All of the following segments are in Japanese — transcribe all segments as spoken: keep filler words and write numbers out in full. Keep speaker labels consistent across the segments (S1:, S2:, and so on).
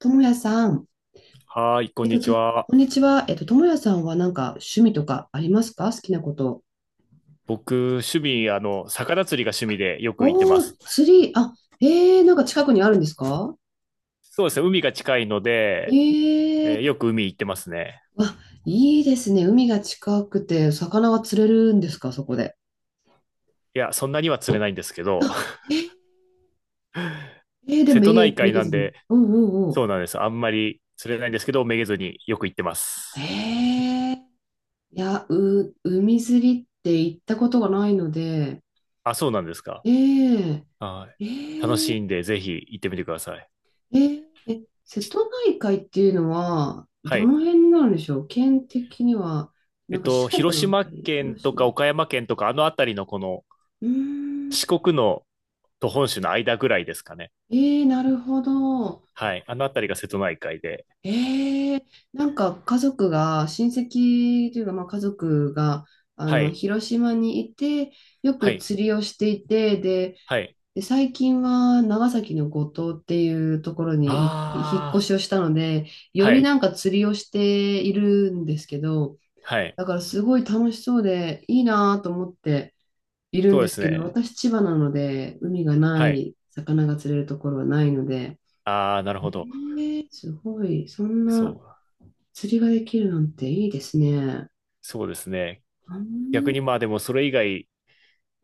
S1: ともやさん、
S2: はーい、こ
S1: え
S2: ん
S1: っ
S2: に
S1: と、
S2: ち
S1: と
S2: は。
S1: こんにちは。えっと、ともやさんはなんか趣味とかありますか？好きなこと。
S2: 僕、趣味、あの、魚釣りが趣味でよく行って
S1: お
S2: ま
S1: ー、
S2: す。
S1: 釣り、あ、えー、なんか近くにあるんですか？
S2: そうですね、海が近いので、
S1: え
S2: えー
S1: ー、
S2: よく海行ってますね。
S1: わ、いいですね。海が近くて、魚が釣れるんですか？そこで。
S2: いや、そんなには釣れないんですけど、
S1: あ、えー、えーでも
S2: 瀬
S1: め
S2: 戸内
S1: げ、め
S2: 海
S1: げ
S2: なん
S1: ずに。
S2: で、
S1: うんうん
S2: そ
S1: う
S2: うなんです。あんまり釣れないんですけど、めげずによく行ってま
S1: ん。
S2: す。
S1: えー、いや、う、海釣りって行ったことがないので、
S2: あ、そうなんですか？
S1: えー
S2: はい。楽しいんで、ぜひ行ってみてください。
S1: えーえ、瀬
S2: ち
S1: 戸内海っていうのは、
S2: は
S1: ど
S2: い。
S1: の辺になるんでしょう？県的には、
S2: え
S1: な
S2: っ
S1: んか四
S2: と、
S1: 国
S2: 広
S1: のあ
S2: 島
S1: たり、
S2: 県
S1: 広
S2: と
S1: 島。
S2: か
S1: う
S2: 岡山県とか、あの辺りのこの
S1: ーん。
S2: 四国のと本州の間ぐらいですかね。
S1: えー、なるほど。
S2: はい。あの辺りが瀬戸内海で。
S1: えー、なんか家族が、親戚というか、まあ、家族が、あ
S2: は
S1: の、
S2: い。
S1: 広島にいて、よ
S2: は
S1: く
S2: い。
S1: 釣りをしていて、で、
S2: はい。
S1: で、最近は長崎の五島っていうところにひ引っ越
S2: あ
S1: しをしたので、
S2: あ、
S1: よ
S2: は
S1: り
S2: い。
S1: なんか釣りをしているんですけど、
S2: はい。
S1: だからすごい楽しそうでいいなと思っている
S2: そ
S1: ん
S2: う
S1: で
S2: で
S1: す
S2: す
S1: けど、
S2: ね。
S1: 私千葉なので海がな
S2: はい。
S1: い、魚が釣れるところはないので、
S2: ああ、なる
S1: え
S2: ほど。
S1: ーすごい、そん
S2: そ
S1: な
S2: う。
S1: 釣りができるなんていいですね。
S2: そうですね。
S1: う
S2: 逆
S1: ん、
S2: にまあでもそれ以外、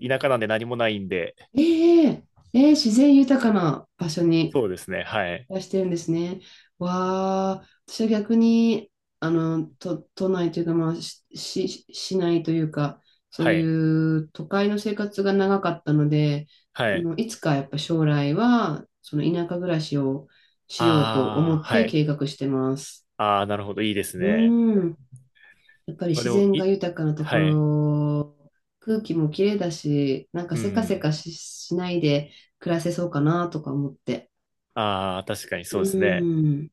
S2: 田舎なんで何もないんで、
S1: ええええ自然豊かな場所に
S2: そうですね。はい。
S1: らしてるんですね。わあ、私は逆に、あの、都、都内というか、まあ、し、し市内というか、そう
S2: はい。
S1: いう都会の生活が長かったので、あ
S2: はい。
S1: の、いつかやっぱ将来は、その田舎暮らしをしようと思
S2: あ
S1: っ
S2: あ、は
S1: て
S2: い。
S1: 計画してます。
S2: ああ、なるほど。いいです
S1: う
S2: ね。
S1: ーん。やっぱり
S2: まあ
S1: 自
S2: でも、
S1: 然が
S2: い、
S1: 豊かなとこ
S2: はい。
S1: ろ、空気も綺麗だし、なんか
S2: う
S1: せかせ
S2: ん。
S1: かし、しないで暮らせそうかなとか思って。
S2: ああ、確かに
S1: う
S2: そうですね。
S1: ーん。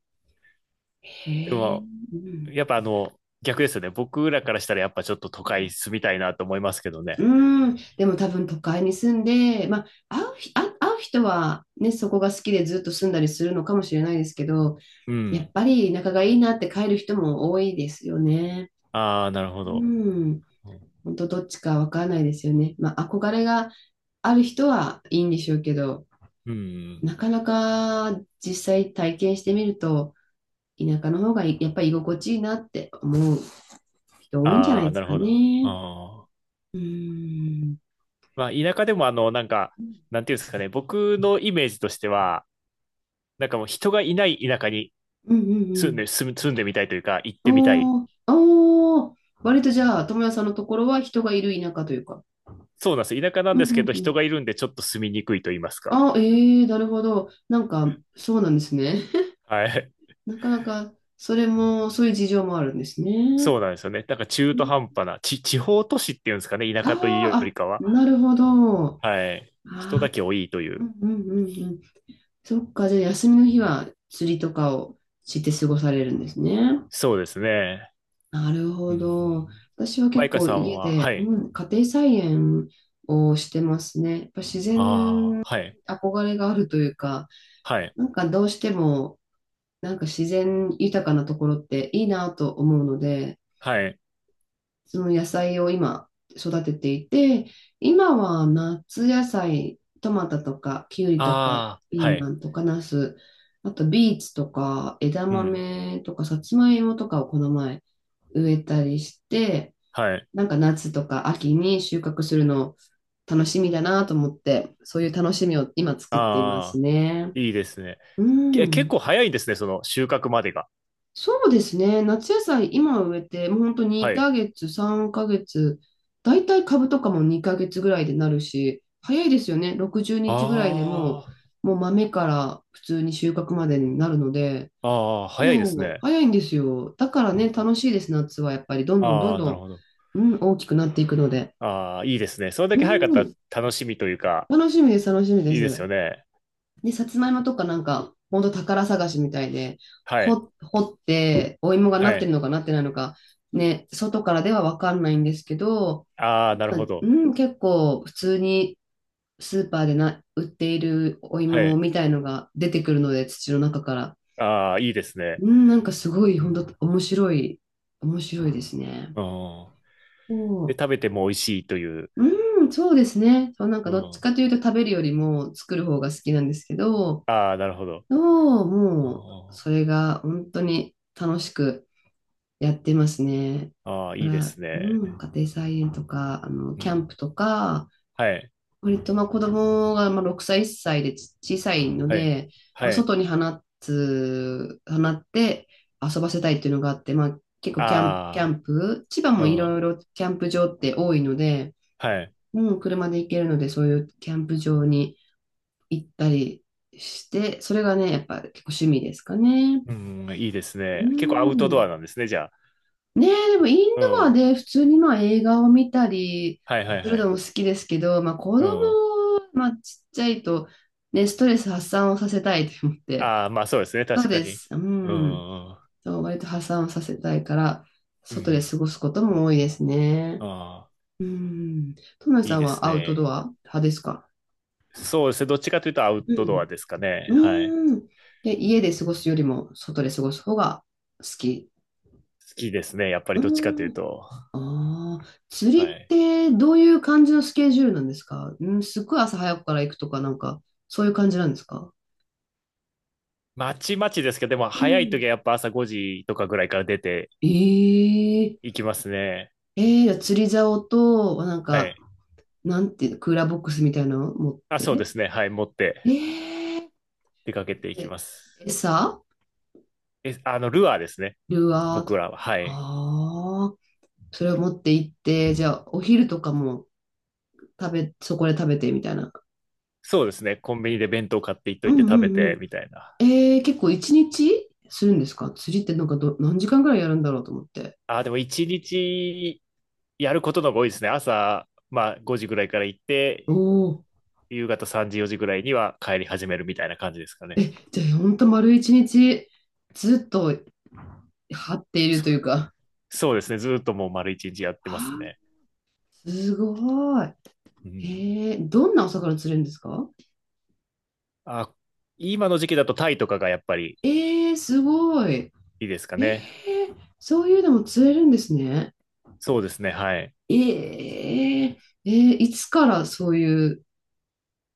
S1: へ
S2: で
S1: え、
S2: も、
S1: うん、
S2: やっぱあの、逆ですよね。僕らからしたらやっぱちょっと都
S1: う
S2: 会
S1: ん、
S2: 住みたいなと思いますけどね。
S1: うーん、でも多分都会に住んで、まあ、会うひ、あ、会う人は、ね、そこが好きでずっと住んだりするのかもしれないですけど、
S2: う
S1: やっ
S2: ん。
S1: ぱり仲がいいなって帰る人も多いですよね。
S2: ああ、なるほ
S1: う
S2: ど。
S1: ん、
S2: うん。
S1: 本当どっちかわからないですよね。まあ、憧れがある人はいいんでしょうけど、
S2: うん。
S1: なかなか実際体験してみると、田舎の方がいやっぱり居心地いいなって思う人多いんじゃな
S2: あ
S1: い
S2: あ、
S1: で
S2: な
S1: す
S2: る
S1: か
S2: ほど。
S1: ね。
S2: あー、
S1: うん
S2: まあ、田舎でもあの、なんか、
S1: うん
S2: なんていうんですかね、僕のイメージとしては、なんかもう人がいない田舎に
S1: うんう
S2: 住ん
S1: ん
S2: で、住む、住んでみたいというか、行っ
S1: う
S2: てみたい。
S1: ん。あーあー、あ、割とじゃあ、友也さんのところは人がいる田舎というか。
S2: そうなんです。田舎なん
S1: うん
S2: で
S1: う
S2: すけ
S1: ん
S2: ど、
S1: う
S2: 人
S1: ん。
S2: がいるんでちょっと住みにくいと言いますか。
S1: あ、ええーなるほど。なんか、そうなんですね。
S2: はい。
S1: なかなか、それも、そういう事情もあるんですね。
S2: そうなんですよね。なんか中途半端な、ち、地方都市っていうんですかね、田
S1: あ
S2: 舎というよ
S1: あ、あ、
S2: りかは。
S1: なるほど。あ
S2: はい。人
S1: あ、
S2: だけ多いとい
S1: う
S2: う。
S1: んうんうんうん。そっか、じゃあ、休みの
S2: う
S1: 日
S2: ん。
S1: は釣りとかをして過ごされるんですね。
S2: そうですね。
S1: なる
S2: う
S1: ほ
S2: んう
S1: ど。
S2: ん。
S1: 私は
S2: マ
S1: 結
S2: イカ
S1: 構
S2: さん
S1: 家
S2: は、
S1: で、
S2: は
S1: う
S2: い。
S1: ん、家庭菜園をしてますね。やっぱ自
S2: あ
S1: 然に
S2: あ、はい。
S1: 憧れがあるというか、
S2: はい。
S1: なんかどうしても、なんか自然豊かなところっていいなと思うので、
S2: はい。
S1: その野菜を今育てていて、今は夏野菜、トマトとかキュウリとか
S2: ああ、
S1: ピ
S2: は
S1: ー
S2: い。
S1: マンとかナス、あとビーツとか枝
S2: うん。
S1: 豆とかさつまいもとかをこの前植えたりして、
S2: はい。
S1: なんか夏とか秋に収穫するの楽しみだなと思って、そういう楽しみを今作っています
S2: ああ、
S1: ね。
S2: いいですね。
S1: う
S2: け、結
S1: ん。
S2: 構早いんですね、その収穫までが。
S1: そうですね。夏野菜今植えて、もう本当に
S2: はい。
S1: にかげつ、さんかげつ、だいたい株とかもにかげつぐらいでなるし、早いですよね。ろくじゅうにちぐらいでも
S2: あ
S1: う、もう豆から普通に収穫までになるので、
S2: あ、ああ、早いです
S1: そう、
S2: ね。
S1: 早いんですよ。だから
S2: う
S1: ね、
S2: ん。
S1: 楽しいです、夏はやっぱり。どんどんど
S2: あ
S1: ん
S2: あ、なる
S1: ど
S2: ほど。
S1: ん、うん、大きくなっていくので。
S2: ああ、いいですね。それだ
S1: う
S2: け早かったら
S1: ん、
S2: 楽しみというか、
S1: 楽しみです、楽しみで
S2: いいです
S1: す。
S2: よね。
S1: で、さつまいもとかなんか、ほんと宝探しみたいで、
S2: はい。
S1: 掘、掘って、お芋がなっ
S2: は
S1: てる
S2: い。
S1: のかなってないのか、ね、外からではわかんないんですけど、
S2: ああ、なる
S1: ま
S2: ほ
S1: あ、う
S2: ど。
S1: ん、結構普通にスーパーでな、売っているお
S2: は
S1: 芋
S2: い。
S1: みたいのが出てくるので、土の中から。
S2: ああ、いいですね。
S1: うん、なんかすごい、
S2: う
S1: 本
S2: ん、
S1: 当面白い、面白いですね。
S2: うん。
S1: そ
S2: で、食べても美味しいという。
S1: う、うん、そうですね。そう、なんか
S2: う
S1: どっち
S2: ん。
S1: かというと食べるよりも作る方が好きなんですけど、
S2: ああ、なるほど。
S1: の、
S2: あ
S1: もう、それが本当に楽しくやってますね。
S2: あ、ああ
S1: だ
S2: いい
S1: か
S2: で
S1: ら、
S2: すね。
S1: うん、家庭菜園とか、あの、
S2: う
S1: キャ
S2: ん。
S1: ンプとか、
S2: はい。
S1: 割とまあ子供がまあろくさい、いっさいでち小さいの
S2: はい。
S1: で、まあ、
S2: はい。
S1: 外に放つ、放って遊ばせたいっていうのがあって、まあ結構キャンプ、キャ
S2: あ
S1: ンプ、千葉
S2: あ、
S1: も
S2: う
S1: いろ
S2: ん。
S1: いろキャンプ場って多いので、
S2: はい。
S1: うん、車で行けるので、そういうキャンプ場に行ったりして、それがね、やっぱ結構趣味ですかね。
S2: うん、いいです
S1: うー
S2: ね。結構アウトド
S1: ん。
S2: アなんですね、じゃあ。
S1: ねえ、でもイン
S2: う
S1: ドア
S2: ん。
S1: で普通にまあ映画を見たり
S2: はいはい
S1: する
S2: は
S1: の
S2: い。
S1: も好きですけど、まあ子
S2: う
S1: 供、
S2: ん。
S1: まあちっちゃいとね、ストレス発散をさせたいと思って。
S2: ああ、まあそうですね、
S1: そう
S2: 確か
S1: で
S2: に。
S1: す。う
S2: う
S1: ん。
S2: ん。
S1: そう、割と発散をさせたいから、
S2: う
S1: 外で
S2: ん。
S1: 過ごすことも多いですね。
S2: ああ、
S1: うん。トム
S2: い
S1: さ
S2: い
S1: ん
S2: です
S1: はアウトド
S2: ね。
S1: ア派ですか？
S2: そうですね、どっちかというとアウ
S1: う
S2: トドア
S1: ん。
S2: ですかね。はい。
S1: うん。で、家で過ごすよりも外で過ごす方が好き。
S2: 好きですね、やっぱり
S1: う
S2: どっちかという
S1: ーん。
S2: と。
S1: ああ、釣
S2: は
S1: りっ
S2: い。
S1: てどういう感じのスケジュールなんですか？うん、すっごい朝早くから行くとか、なんか、そういう感じなんですか？
S2: まちまちですけど、でも
S1: う
S2: 早い
S1: ん。
S2: 時はやっぱ朝ごじとかぐらいから出て
S1: ええ
S2: いきますね。
S1: えー、じゃあ釣り竿と、なん
S2: は
S1: か、
S2: い。
S1: なんていうの、クーラーボックスみたいなのを持っ
S2: あ、そうで
S1: て。
S2: すね、はい、持って
S1: ええ
S2: 出かけていき
S1: え
S2: ます。
S1: 餌
S2: え、あの、ルアーですね、
S1: ルアーと。
S2: 僕らは。はい。
S1: ああ、それを持って行って、じゃあ、お昼とかも食べ、そこで食べてみたいな。
S2: そうですね。コンビニで弁当買っていっと
S1: う
S2: いて食べ
S1: んう
S2: て
S1: ん。
S2: みたいな。
S1: えー、結構一日するんですか？釣りってなんかど、何時間ぐらいやるんだろうと思って。
S2: あーでも一日やることの方が多いですね。朝、まあごじぐらいから行っ
S1: お
S2: て、
S1: お。
S2: 夕方さんじ、よじぐらいには帰り始めるみたいな感じですかね。
S1: え、じゃあほんと丸一日ずっと張っている
S2: そ、
S1: というか。
S2: そうですね。ずーっともう丸一日やって
S1: は
S2: ます
S1: あ、
S2: ね。
S1: すごい。
S2: う
S1: え
S2: ん。
S1: ー、どんなお魚釣れるんですか？
S2: あ、今の時期だとタイとかがやっぱり
S1: えー、すごい。
S2: いいですか
S1: えー、
S2: ね。
S1: そういうのも釣れるんですね。
S2: そうですね。はい。
S1: えー、えーいつからそういう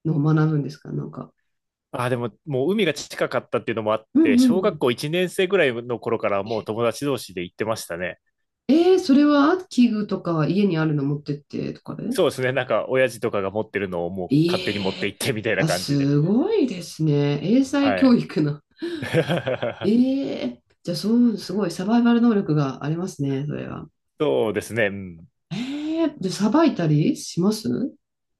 S1: のを学ぶんですか？なんか。
S2: あ、でももう海が近かったっていうのもあっ
S1: うんう
S2: て、
S1: んう
S2: 小学
S1: ん。
S2: 校いちねん生ぐらいの頃からもう友達同士で行ってましたね。
S1: えー、それは器具とか家にあるの持ってってとかで
S2: そうで
S1: す
S2: すね。
S1: か？
S2: なんか、親父とかが持ってるのをもう
S1: え
S2: 勝手に持って行
S1: え
S2: ってみたいな
S1: あ、
S2: 感じで。
S1: すごいですね。英才
S2: は
S1: 教
S2: い。
S1: 育の。ええじゃあ、そう、すごいサバイバル能力がありますね、それは。
S2: そうですね。うん。
S1: ええで、さばいたりします？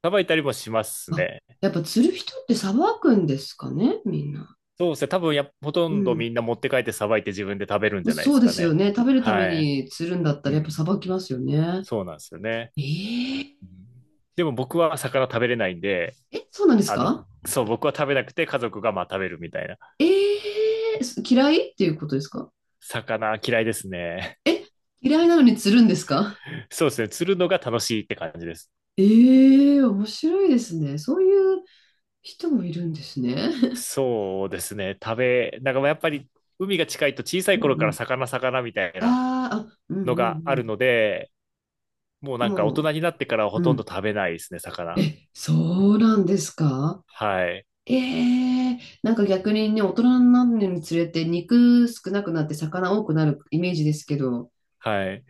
S2: さばいたりもします
S1: あ、
S2: ね。
S1: やっぱ釣る人ってさばくんですかね、みんな。
S2: そうですね。多分や、ほと
S1: う
S2: んどみ
S1: ん。
S2: んな持って帰ってさばいて自分で食べるん
S1: ま
S2: じ
S1: あ
S2: ゃないで
S1: そう
S2: す
S1: で
S2: か
S1: すよ
S2: ね。
S1: ね。食べるため
S2: はい。
S1: に釣るんだった
S2: う
S1: ら、やっぱ
S2: ん。
S1: さばきますよね。
S2: そうなんですよね。
S1: え
S2: うん。でも僕は魚食べれないんで、
S1: ええ、そうなんです
S2: あの、
S1: か？
S2: そう、僕は食べなくて家族がまあ食べるみたいな。
S1: ええ嫌いっていうことですか？
S2: 魚嫌いですね。
S1: え、嫌いなのに釣るんですか？
S2: そうですね。釣るのが楽しいって感じです。
S1: ええー面白いですね。そういう人もいるんですね。
S2: そうですね。食べ、なんかまあやっぱり海が近いと小さ い
S1: うんう
S2: 頃から
S1: ん。
S2: 魚魚みたいな
S1: あーあ、う
S2: の
S1: んう
S2: がある
S1: ん
S2: ので、もう
S1: う
S2: な
S1: ん。
S2: んか大
S1: も
S2: 人になってからはほ
S1: う、う
S2: とんど
S1: ん。
S2: 食べないですね、魚。
S1: え、そうなんですか？
S2: はい。
S1: ええーなんか逆にね、大人になるにつれて肉少なくなって魚多くなるイメージですけど、
S2: はい。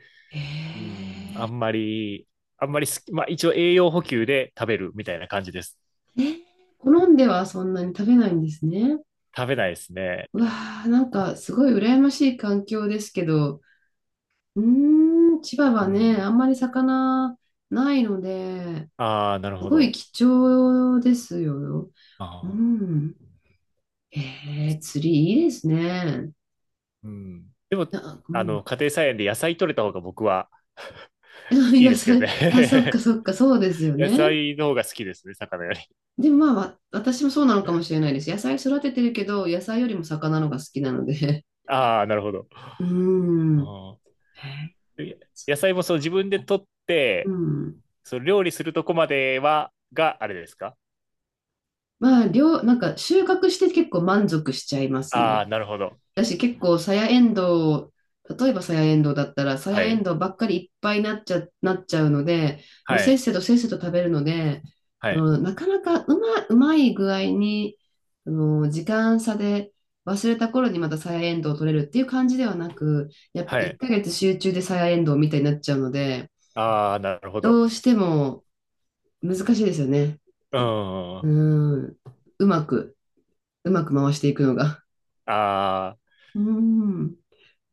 S2: うん、あ
S1: ええ
S2: んまり、あんまり好き、まあ一応栄養補給で食べるみたいな感じです。
S1: ーえ、好んではそんなに食べないんですね。
S2: 食べないですね。
S1: うわあ、なんかすごい羨ましい環境ですけど、うーん、千葉
S2: う
S1: はね、
S2: ん。
S1: あんまり魚ないので、
S2: ああ、なる
S1: す
S2: ほ
S1: ごい
S2: ど。
S1: 貴重ですよ。
S2: あ
S1: う
S2: あ、
S1: ん。えー、釣りいいですね。
S2: うん。でも、
S1: あ、う
S2: あ
S1: ん。
S2: の、家庭菜園で野菜取れた方が僕は いい
S1: 野
S2: ですけどね。
S1: 菜、あ、そっか そっか、そうですよ
S2: 野
S1: ね。
S2: 菜の方が好きですね、魚より。
S1: でもまあ、わ私もそうなのかもしれないです。野菜育ててるけど、野菜よりも魚のが好きなので。
S2: ああ、なるほど。
S1: うん。
S2: ああ、
S1: へー、
S2: え野菜もそう自分で取っ
S1: う
S2: て、
S1: ん。
S2: そう料理するとこまでは、があれですか？
S1: まあ、量、なんか収穫して結構満足しちゃいます
S2: あ
S1: ね。
S2: あー、なるほど。
S1: 私結構サヤエンド例えばサヤエンドだったら、サヤ
S2: は
S1: エン
S2: い。
S1: ドばっかりいっぱいになっちゃ、なっちゃうので、もう
S2: は
S1: せっ
S2: い。
S1: せとせっせと食べるので、
S2: は
S1: そ
S2: い。
S1: のなかなかうま、うまい具合に、その時間差で忘れた頃にまたサヤエンドを取れるっていう感じではなく、やっぱ
S2: は
S1: 1
S2: い。
S1: ヶ月集中でサヤエンドみたいになっちゃうので、
S2: ああ、なるほど。
S1: どうしても難しいですよね。
S2: うん。
S1: う
S2: あ
S1: ん。うまく、うまく回していくのが。
S2: あ。
S1: うん。